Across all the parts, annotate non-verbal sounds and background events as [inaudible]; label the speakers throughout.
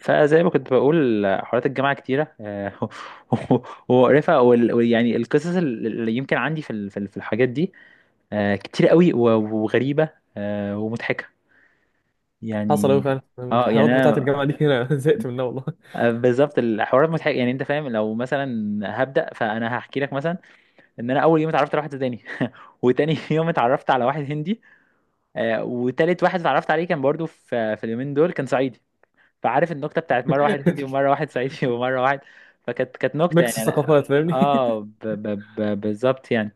Speaker 1: فزي ما كنت بقول حوارات الجامعة كتيرة [laughs] ومقرفة وال- ويعني القصص اللي يمكن عندي في الحاجات دي كتير قوي و- وغريبة ومضحكة
Speaker 2: حصل أوي
Speaker 1: يعني.
Speaker 2: فعلا الحوارات بتاعت الجامعة
Speaker 1: انا
Speaker 2: دي أنا [laughs] زهقت منها والله.
Speaker 1: بالظبط الحوارات مضحكة، يعني انت فاهم، لو مثلا هبدأ فانا هحكي لك مثلا ان انا اول يوم اتعرفت على واحد سوداني [laughs] وتاني يوم اتعرفت على واحد هندي، وتالت واحد اتعرفت عليه كان برضو في اليومين دول كان صعيدي. فعارف النكته بتاعت مره واحد هندي
Speaker 2: [laughs]
Speaker 1: ومره واحد صعيدي [laughs] ومره واحد. فكانت نكته،
Speaker 2: ميكس
Speaker 1: يعني
Speaker 2: ثقافات فاهمني.
Speaker 1: بالظبط يعني.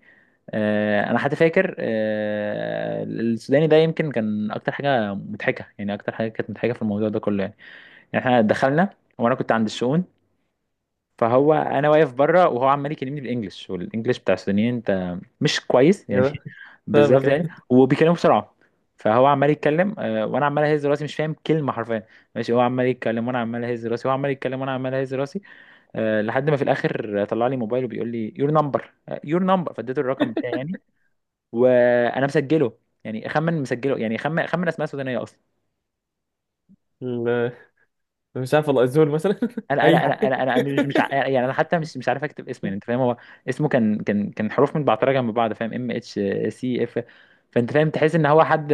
Speaker 1: آه انا حتى فاكر، السوداني ده يمكن كان اكتر حاجه مضحكه، يعني اكتر حاجه كانت مضحكه في الموضوع ده كله يعني. يعني احنا دخلنا وانا كنت عند الشؤون، فهو انا واقف بره وهو عمال يكلمني بالانجلش، والانجلش بتاع السودانيين انت مش كويس
Speaker 2: [laughs]
Speaker 1: يعني
Speaker 2: كده،
Speaker 1: [laughs] بالظبط
Speaker 2: فاهمك أي.
Speaker 1: يعني، وبيكلموا بسرعه. فهو عمال يتكلم وانا عمال اهز راسي مش فاهم كلمه حرفيا. ماشي، هو عمال يتكلم وانا عمال اهز راسي، هو عمال يتكلم وانا عمال اهز راسي، لحد ما في الاخر طلع لي موبايله بيقول لي يور نمبر. يور نمبر، فاديته الرقم بتاعي يعني، وانا مسجله، يعني اخمن مسجله، يعني اخمن اسماء سودانيه اصلا.
Speaker 2: ال- مش عارف والله الزول مثلا [laughs]
Speaker 1: انا
Speaker 2: أي
Speaker 1: انا انا
Speaker 2: حاجة.
Speaker 1: انا انا مش
Speaker 2: [laughs]
Speaker 1: يعني انا حتى مش عارف اكتب اسمه، يعني انت فاهم. هو اسمه كان حروف متبعترة جنب بعض، فاهم؟ ام اتش سي اف. فانت فاهم، تحس ان هو حد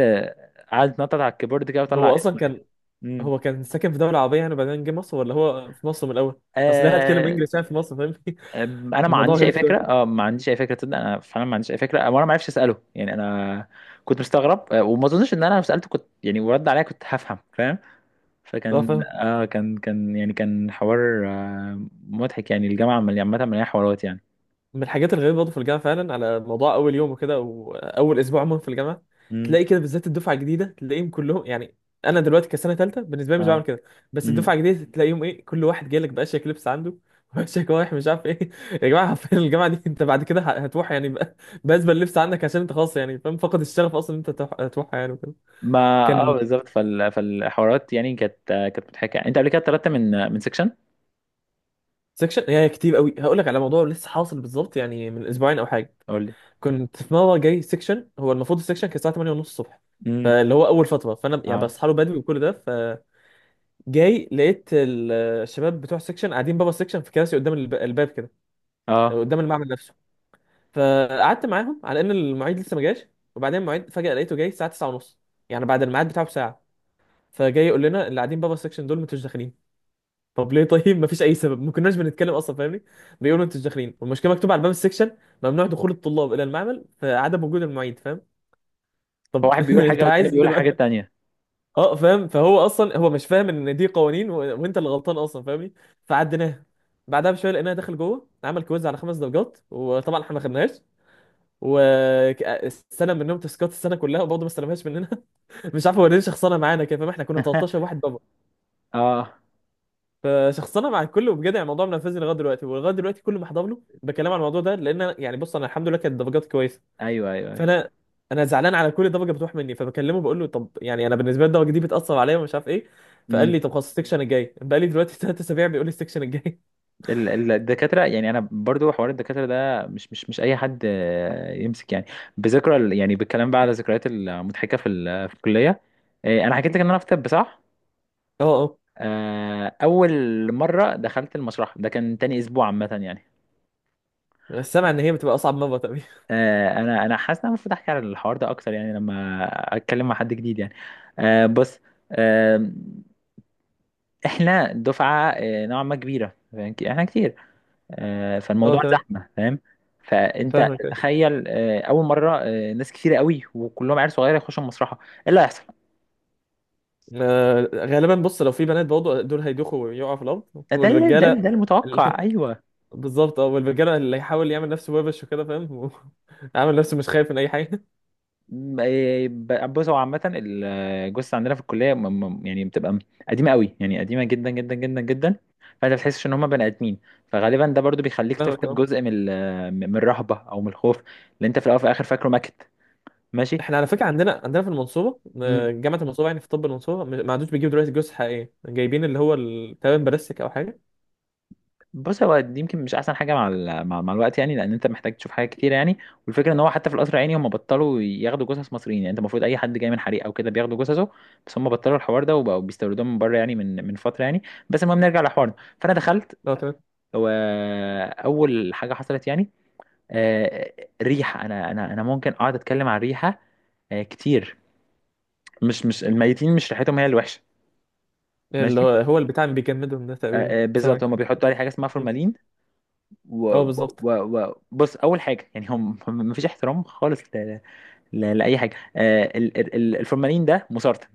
Speaker 1: قاعد يتنطط على الكيبورد كده وطلع
Speaker 2: هو أصلا
Speaker 1: اسمه يعني.
Speaker 2: كان
Speaker 1: امم
Speaker 2: هو كان ساكن في دولة عربية يعني وبعدين جه مصر ولا هو في مصر من الأول؟ أصل ليه هتكلم
Speaker 1: آه
Speaker 2: إنجليزي يعني في مصر فاهمني؟ [laughs]
Speaker 1: انا ما
Speaker 2: الموضوع
Speaker 1: عنديش اي
Speaker 2: غريب شوية.
Speaker 1: فكره، اه ما عنديش اي فكره، تصدق انا فعلا ما عنديش اي فكره، وانا ما عرفش اساله يعني. انا كنت مستغرب، وما اظنش ان انا لو سالته كنت، يعني ورد عليا، كنت هفهم فاهم. فكان
Speaker 2: اه،
Speaker 1: كان يعني كان حوار مضحك يعني. الجامعه عامه مليانه حوارات يعني.
Speaker 2: من الحاجات الغريبة برضه في الجامعة فعلا على موضوع أول يوم وكده وأول أسبوع عموما في الجامعة
Speaker 1: امم.
Speaker 2: تلاقي كده بالذات الدفعة الجديدة تلاقيهم كلهم يعني. أنا دلوقتي كسنة تالتة بالنسبة لي مش بعمل كده، بس
Speaker 1: مم.
Speaker 2: الدفعة الجديدة تلاقيهم إيه، كل واحد جاي لك بأشيك لبس عنده [laughs] وأشيك رايح مش عارف إيه. يا جماعة حرفيا الجامعة دي أنت بعد كده هتروح يعني بأزبل لبس عندك عشان أنت خلاص يعني فاهم، فقد الشغف أصلا ان أنت تروحها يعني وكده
Speaker 1: ما اه
Speaker 2: كان.
Speaker 1: بالظبط. فالحوارات يعني كانت مضحكه. انت قبل كده اتطردت من سيكشن؟
Speaker 2: سكشن يعني كتير قوي، هقول لك على موضوع لسه حاصل بالظبط يعني من أسبوعين أو حاجة.
Speaker 1: قول لي.
Speaker 2: كنت في مره جاي سيكشن، هو المفروض السيكشن كان الساعه 8 ونص الصبح،
Speaker 1: امم.
Speaker 2: فاللي هو اول فتره فانا يعني
Speaker 1: اه
Speaker 2: بصحى له بدري وكل ده، فجاي لقيت الشباب بتوع السيكشن قاعدين بابا السيكشن في كراسي قدام الباب كده،
Speaker 1: اه.
Speaker 2: قدام المعمل نفسه. فقعدت معاهم على ان المعيد لسه ما جاش، وبعدين المعيد فجاه لقيته جاي الساعه 9 ونص، يعني بعد الميعاد بتاعه بساعه. فجاي يقول لنا اللي قاعدين بابا السيكشن دول ما انتوش داخلين. طب ليه؟ طيب ما فيش اي سبب، ما كناش بنتكلم اصلا فاهمني. بيقولوا ما انتوش داخلين والمشكله مكتوبه على باب السيكشن: ممنوع دخول الطلاب الى المعمل فعدم وجود المعيد، فاهم؟ طب
Speaker 1: فواحد
Speaker 2: [laughs]
Speaker 1: بيقول حاجه
Speaker 2: انت
Speaker 1: والتاني
Speaker 2: عايز ايه
Speaker 1: بيقول حاجه
Speaker 2: دلوقتي؟
Speaker 1: تانية.
Speaker 2: اه فاهم، فهو اصلا هو مش فاهم ان دي قوانين وانت اللي غلطان اصلا فاهمني. فعديناها، بعدها بشويه لقيناها داخل جوه عمل كويز على خمس درجات وطبعا احنا ما خدناش، واستلم منهم تاسكات السنه كلها وبرضه ما استلمهاش مننا. [laughs] مش عارف هو ليه شخصنه معانا كده فاهم، احنا كنا 13
Speaker 1: [laughs]
Speaker 2: واحد بابا،
Speaker 1: اه،
Speaker 2: فشخصنه مع الكل وبجد يعني الموضوع منفذني لغايه دلوقتي، ولغايه دلوقتي كل ما احضر له بكلام عن الموضوع ده لان يعني بص انا الحمد لله كانت درجاتي كويسه،
Speaker 1: ايوه ايوه ايوه.
Speaker 2: فانا انا زعلان على كل الضجه بتروح مني، فبكلمه بقول له طب يعني انا بالنسبه لي الضجه دي بتاثر عليا ومش عارف ايه. فقال لي
Speaker 1: امم.
Speaker 2: طب خلاص السكشن الجاي، بقى لي دلوقتي ثلاث اسابيع بيقول لي السكشن الجاي.
Speaker 1: الدكاتره، يعني انا برضو حوار الدكاتره ده، مش اي حد يمسك يعني يعني بالكلام بقى على الذكريات المضحكه في الكليه. انا حكيت لك ان انا في طب، صح؟
Speaker 2: [laughs] اه اه،
Speaker 1: اول مره دخلت المسرح ده كان تاني اسبوع عامه يعني.
Speaker 2: انا سامع ان هي بتبقى اصعب مره تقريبا.
Speaker 1: انا انا حاسس ان انا المفروض احكي على الحوار ده اكتر، يعني لما اتكلم مع حد جديد يعني. بص، آه، احنا دفعه نوعا ما كبيره، فاهم؟ احنا كتير،
Speaker 2: [laughs] اه
Speaker 1: فالموضوع
Speaker 2: تمام،
Speaker 1: زحمه فاهم. فانت
Speaker 2: فاهمك ايه.
Speaker 1: تخيل، اول مره، ناس كتير قوي وكلهم عيال صغيره يخشوا المسرحه، ايه اللي هيحصل؟
Speaker 2: آه، غالبا بص لو في بنات برضه دول هيدوخوا ويقعوا في الارض،
Speaker 1: ده
Speaker 2: والرجاله
Speaker 1: ده المتوقع
Speaker 2: [laughs]
Speaker 1: ايوه.
Speaker 2: بالظبط اه، والرجاله اللي هيحاول يعمل نفسه وبش وكده فاهم، [laughs] عامل نفسه مش خايف من اي حاجه.
Speaker 1: إيه، بص، هو عامة الجثة عندنا في الكلية يعني بتبقى قديمة قوي، يعني قديمة جدا جدا جدا جدا. فانت بتحسش ان هما بني ادمين، فغالبا ده برضو
Speaker 2: [laughs]
Speaker 1: بيخليك
Speaker 2: فاهمك
Speaker 1: تفقد
Speaker 2: أه.
Speaker 1: جزء من الرهبة او من الخوف، اللي انت في الاول وفي الاخر فاكره ماكت. ماشي.
Speaker 2: احنا على فكره عندنا في المنصوبه، آه، جامعه المنصوبه يعني في طب المنصوبه، ما عندوش، بيجيبوا دلوقتي جثث حقيقيه جايبين اللي هو تقريبا بلاستيك او حاجه.
Speaker 1: بص، هو دي يمكن مش احسن حاجه مع مع الوقت، يعني لان انت محتاج تشوف حاجات كتير يعني. والفكره ان هو حتى في القصر العيني هم بطلوا ياخدوا جثث مصريين، يعني انت المفروض اي حد جاي من حريق او كده بياخدوا جثثه، بس هم بطلوا الحوار ده وبقوا بيستوردوها من بره، يعني من فتره يعني. بس المهم نرجع لحوارنا. فانا دخلت
Speaker 2: اه تمام،
Speaker 1: واول حاجه حصلت يعني، آه، ريحه. انا ممكن اقعد اتكلم عن ريحه كتير. مش مش الميتين، مش ريحتهم هي الوحشه.
Speaker 2: اللي
Speaker 1: ماشي،
Speaker 2: هو هو البتاع اللي بيجمدهم ده تقريبا،
Speaker 1: بالظبط،
Speaker 2: سامعك.
Speaker 1: هم بيحطوا عليه حاجه اسمها
Speaker 2: مم.
Speaker 1: فورمالين. و...
Speaker 2: اه بالظبط.
Speaker 1: بص، اول حاجه يعني، هم هم مفيش احترام خالص لاي حاجه. آه، الفورمالين ده مسرطن،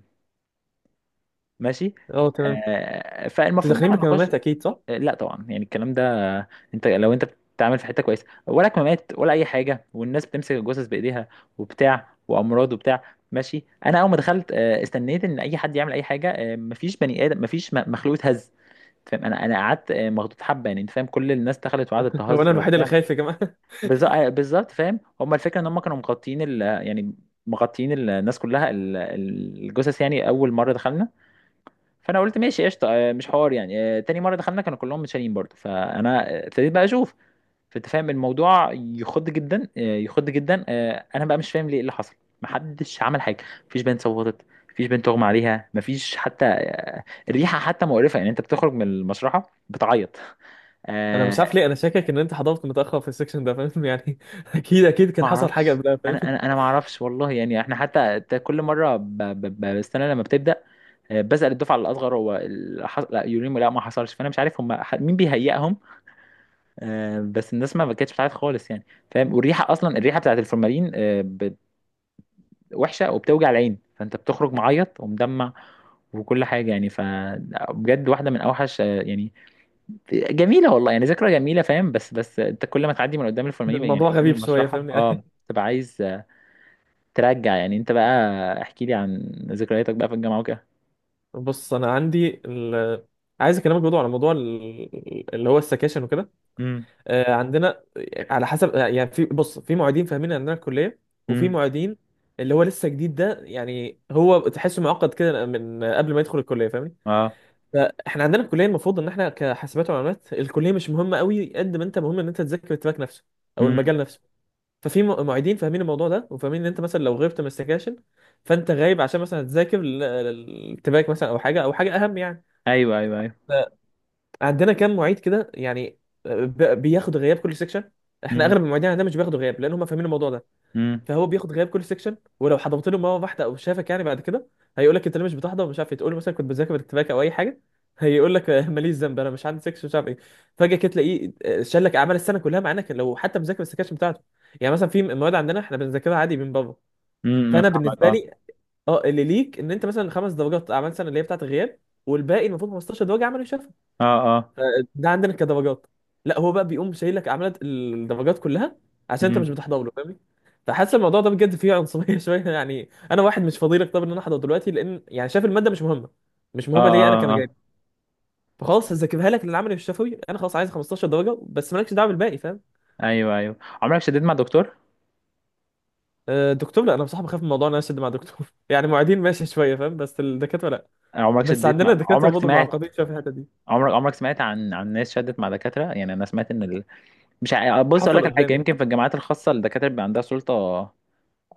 Speaker 1: ماشي.
Speaker 2: اه تمام،
Speaker 1: آه
Speaker 2: انتوا
Speaker 1: فالمفروض ان
Speaker 2: داخلين
Speaker 1: احنا نخش،
Speaker 2: بكمامات اكيد صح؟
Speaker 1: آه لا طبعا يعني الكلام ده. آه، انت لو انت بتتعامل في حته كويسه، ولا كمامات ولا اي حاجه، والناس بتمسك الجثث بايديها وبتاع، وامراض وبتاع. ماشي، انا اول ما دخلت استنيت ان اي حد يعمل اي حاجه، آه مفيش بني ادم، مفيش مخلوق اتهز. فاهم؟ انا انا قعدت مخضوض حبه، يعني انت فاهم، كل الناس دخلت وقعدت
Speaker 2: [laughs] هو انا
Speaker 1: تهزر
Speaker 2: الوحيد اللي
Speaker 1: وبتاع.
Speaker 2: خايف يا جماعه؟ [laughs]
Speaker 1: بالظبط فاهم. هما الفكره ان هما كانوا مغطيين يعني مغطيين الناس كلها، الجثث، يعني اول مره دخلنا. فانا قلت ماشي قشطه، مش حوار يعني. تاني مره دخلنا كانوا كلهم متشالين برضو، فانا ابتديت بقى اشوف. فانت فاهم الموضوع يخض جدا، يخض جدا، انا بقى مش فاهم ليه إيه اللي حصل. محدش عمل حاجه، مفيش بنت صوتت، مفيش بنت اغمى عليها، مفيش حتى، الريحه حتى مقرفه، يعني انت بتخرج من المشرحه بتعيط.
Speaker 2: انا
Speaker 1: آه،
Speaker 2: مش عارف ليه انا شاكك ان انت حضرت متاخر في السكشن ده فاهم يعني، [laughs] اكيد اكيد كان
Speaker 1: ما
Speaker 2: حصل حاجه
Speaker 1: اعرفش.
Speaker 2: قبلها فاهم.
Speaker 1: انا انا
Speaker 2: [laughs]
Speaker 1: انا ما اعرفش والله يعني. احنا حتى كل مره بستنى لما بتبدا، بسال الدفعه الاصغر هو لا يوريمو، لا ما حصلش. فانا مش عارف هم مين بيهيئهم. بس الناس ما كانتش بتعرف خالص يعني. فاهم؟ والريحه اصلا، الريحه بتاعت الفورمالين، وحشه وبتوجع العين، فانت بتخرج معيط ومدمع وكل حاجه يعني. فبجد واحده من اوحش، يعني جميله والله، يعني ذكرى جميله فاهم. بس بس انت كل ما تعدي من قدام الفورمالين، يعني
Speaker 2: الموضوع
Speaker 1: قدام
Speaker 2: غريب شويه
Speaker 1: المشرحه،
Speaker 2: فاهمني
Speaker 1: اه
Speaker 2: يعني.
Speaker 1: تبقى عايز ترجع يعني. انت بقى احكي لي عن ذكرياتك بقى في الجامعة وكده.
Speaker 2: [laughs] بص انا عندي عايز اكلمك برضه على موضوع اللي هو السكاشن وكده.
Speaker 1: امم،
Speaker 2: آه، عندنا على حسب يعني في، بص في معيدين فاهمين عندنا الكليه، وفي
Speaker 1: امم،
Speaker 2: معيدين اللي هو لسه جديد ده، يعني هو تحسه معقد كده من قبل ما يدخل الكليه فاهمني.
Speaker 1: اه،
Speaker 2: فاحنا عندنا الكليه المفروض ان احنا كحاسبات ومعلومات الكليه مش مهمه قوي قد ما انت مهم ان انت تذاكر التراك نفسه او
Speaker 1: امم،
Speaker 2: المجال نفسه. ففي معيدين فاهمين الموضوع ده وفاهمين ان انت مثلا لو غبت من السكاشن فانت غايب عشان مثلا تذاكر التراك مثلا او حاجه او حاجه اهم يعني.
Speaker 1: ايوه ايوه ايوه،
Speaker 2: عندنا كام معيد كده يعني بياخدوا غياب كل سيكشن. احنا
Speaker 1: امم،
Speaker 2: اغلب المعيدين عندنا مش بياخدوا غياب لان هم فاهمين الموضوع ده،
Speaker 1: امم،
Speaker 2: فهو بياخد غياب كل سيكشن ولو حضرت له مره واحده او شافك يعني بعد كده هيقول لك انت ليه مش بتحضر ومش عارف إيه. تقول له مثلا كنت بذاكر بالاتفاق او اي حاجه، هيقول لك [laughs] "آه، ماليش ذنب انا مش عندي سيكشن مش عارف ايه". فجاه كده تلاقيه آه، شال لك اعمال السنه كلها مع انك لو حتى مذاكر السكاشن بتاعته. يعني مثلا في مواد عندنا احنا بنذاكرها عادي من بره. فانا
Speaker 1: فاهمك،
Speaker 2: بالنسبه
Speaker 1: اه
Speaker 2: لي، اه اللي ليك ان انت مثلا خمس درجات اعمال سنه اللي هي بتاعت الغياب، والباقي المفروض 15 درجه عملوا شافها،
Speaker 1: اه اه،
Speaker 2: ده عندنا كدرجات. لا، هو بقى بيقوم شايلك عملت الدرجات كلها عشان انت مش
Speaker 1: امم،
Speaker 2: بتحضر له فاهمني. فحاسس الموضوع ده بجد فيه عنصريه [laughs] شويه يعني. انا واحد مش فاضي لك طب ان انا احضر دلوقتي لان يعني شايف الماده مش مهمه، مش
Speaker 1: اه
Speaker 2: مهمه ليا انا
Speaker 1: اه
Speaker 2: كمجال.
Speaker 1: اه،
Speaker 2: فخلاص هذاكرها لك للعملي والشفوي انا خلاص، عايز 15 درجه بس مالكش دعوه بالباقي فاهم.
Speaker 1: ايوه ايوه. عمرك شديت مع دكتور؟
Speaker 2: آه، الدكتور لا، انا بصراحه بخاف من موضوع ان انا اشد مع الدكتور. [laughs] يعني معيدين ماشي شويه فاهم، بس الدكاتره لا.
Speaker 1: عمرك
Speaker 2: بس
Speaker 1: شديت
Speaker 2: عندنا
Speaker 1: مع،
Speaker 2: الدكاتره
Speaker 1: عمرك
Speaker 2: برضه
Speaker 1: سمعت،
Speaker 2: معقدين شويه في الحته دي.
Speaker 1: عمرك سمعت عن ناس شدت مع دكاترة؟ يعني انا سمعت ان مش بص اقول
Speaker 2: حصل
Speaker 1: لك الحاجة،
Speaker 2: قدامي،
Speaker 1: يمكن في الجامعات الخاصة الدكاترة بيبقى عندها سلطة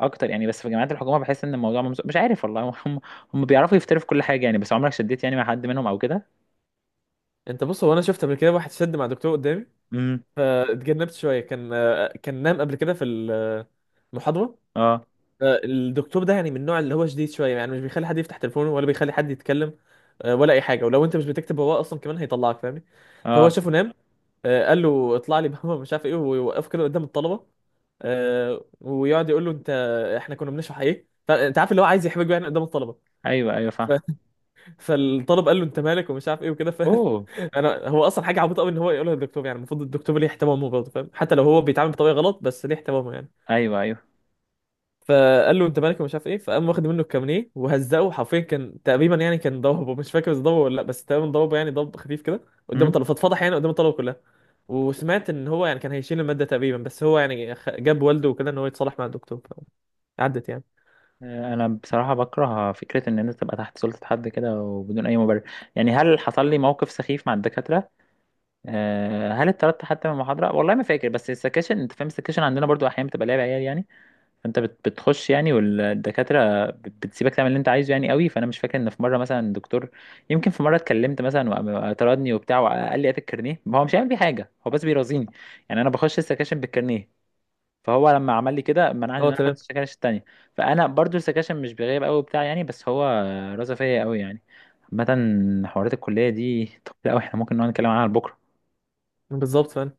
Speaker 1: اكتر يعني، بس في جامعات الحكومة بحس ان الموضوع مش عارف والله [laughs] هم هم بيعرفوا يفتروا في كل حاجة يعني. بس عمرك شديت يعني مع حد منهم او كده؟
Speaker 2: انت بص، هو انا شفت قبل كده واحد شد مع دكتور قدامي فاتجنبت شويه. كان، كان نام قبل كده في المحاضره.
Speaker 1: اه
Speaker 2: آه، الدكتور ده يعني من النوع اللي هو شديد شويه، يعني مش بيخلي حد يفتح تليفونه ولا بيخلي حد يتكلم، آه، ولا اي حاجه، ولو انت مش بتكتب وراه اصلا كمان هيطلعك فاهمني. فهو
Speaker 1: اه،
Speaker 2: شافه نام، آه، قال له اطلع لي [laughs] بابا مش عارف ايه، ويوقفه كده قدام الطلبه. آه، ويقعد يقول له انت، احنا كنا بنشرح ايه، فانت عارف اللي هو عايز يحرجه يعني قدام الطلبه.
Speaker 1: ايوه ايوه فاهم،
Speaker 2: ف... [laughs] فالطالب قال له انت مالك ومش عارف ايه وكده.
Speaker 1: اوه،
Speaker 2: انا، هو اصلا حاجه عبيطه قوي ان هو يقولها للدكتور، يعني المفروض الدكتور ليه احترامه برضه فاهم، حتى لو هو بيتعامل بطريقه غلط بس ليه احترامه يعني.
Speaker 1: ايوه ايوه،
Speaker 2: فقال له انت مالك ومش عارف ايه، فقام واخد منه الكامنيه وهزقه حرفيا، كان تقريبا يعني كان ضربه، مش فاكر اذا ضربه ولا لا بس تقريبا ضربه يعني ضرب خفيف كده قدام
Speaker 1: امم.
Speaker 2: الطلبه، فاتفضح يعني قدام الطلبه كلها. وسمعت ان هو يعني كان هيشيل الماده تقريبا، بس هو يعني جاب والده وكده ان هو يتصالح مع الدكتور، عدت يعني.
Speaker 1: انا بصراحه بكره فكره ان انت تبقى تحت سلطه حد كده وبدون اي مبرر. يعني هل حصل لي موقف سخيف مع الدكاتره؟ آه. هل اتطردت حتى من المحاضره؟ والله ما فاكر. بس السكاشن، انت فاهم السكاشن عندنا برضو احيانا بتبقى لعب عيال يعني. فانت بتخش يعني، والدكاتره بتسيبك تعمل اللي انت عايزه يعني قوي. فانا مش فاكر ان في مره مثلا دكتور، يمكن في مره اتكلمت مثلا وطردني وبتاع، وقال لي هات الكارنيه، ما هو مش هيعمل بيه حاجه، هو بس بيرازيني يعني. انا بخش السكاشن بالكارنيه، فهو لما عمل لي كده منعني ان
Speaker 2: هو
Speaker 1: انا اخد
Speaker 2: تمام،
Speaker 1: السكاشن التانية. فانا برضو السكاشن مش بيغيب قوي بتاع يعني، بس هو رازة فيا قوي يعني. عامة حوارات الكلية دي، طب لا احنا ممكن نقعد نتكلم عنها بكرة.
Speaker 2: بالظبط فاهم.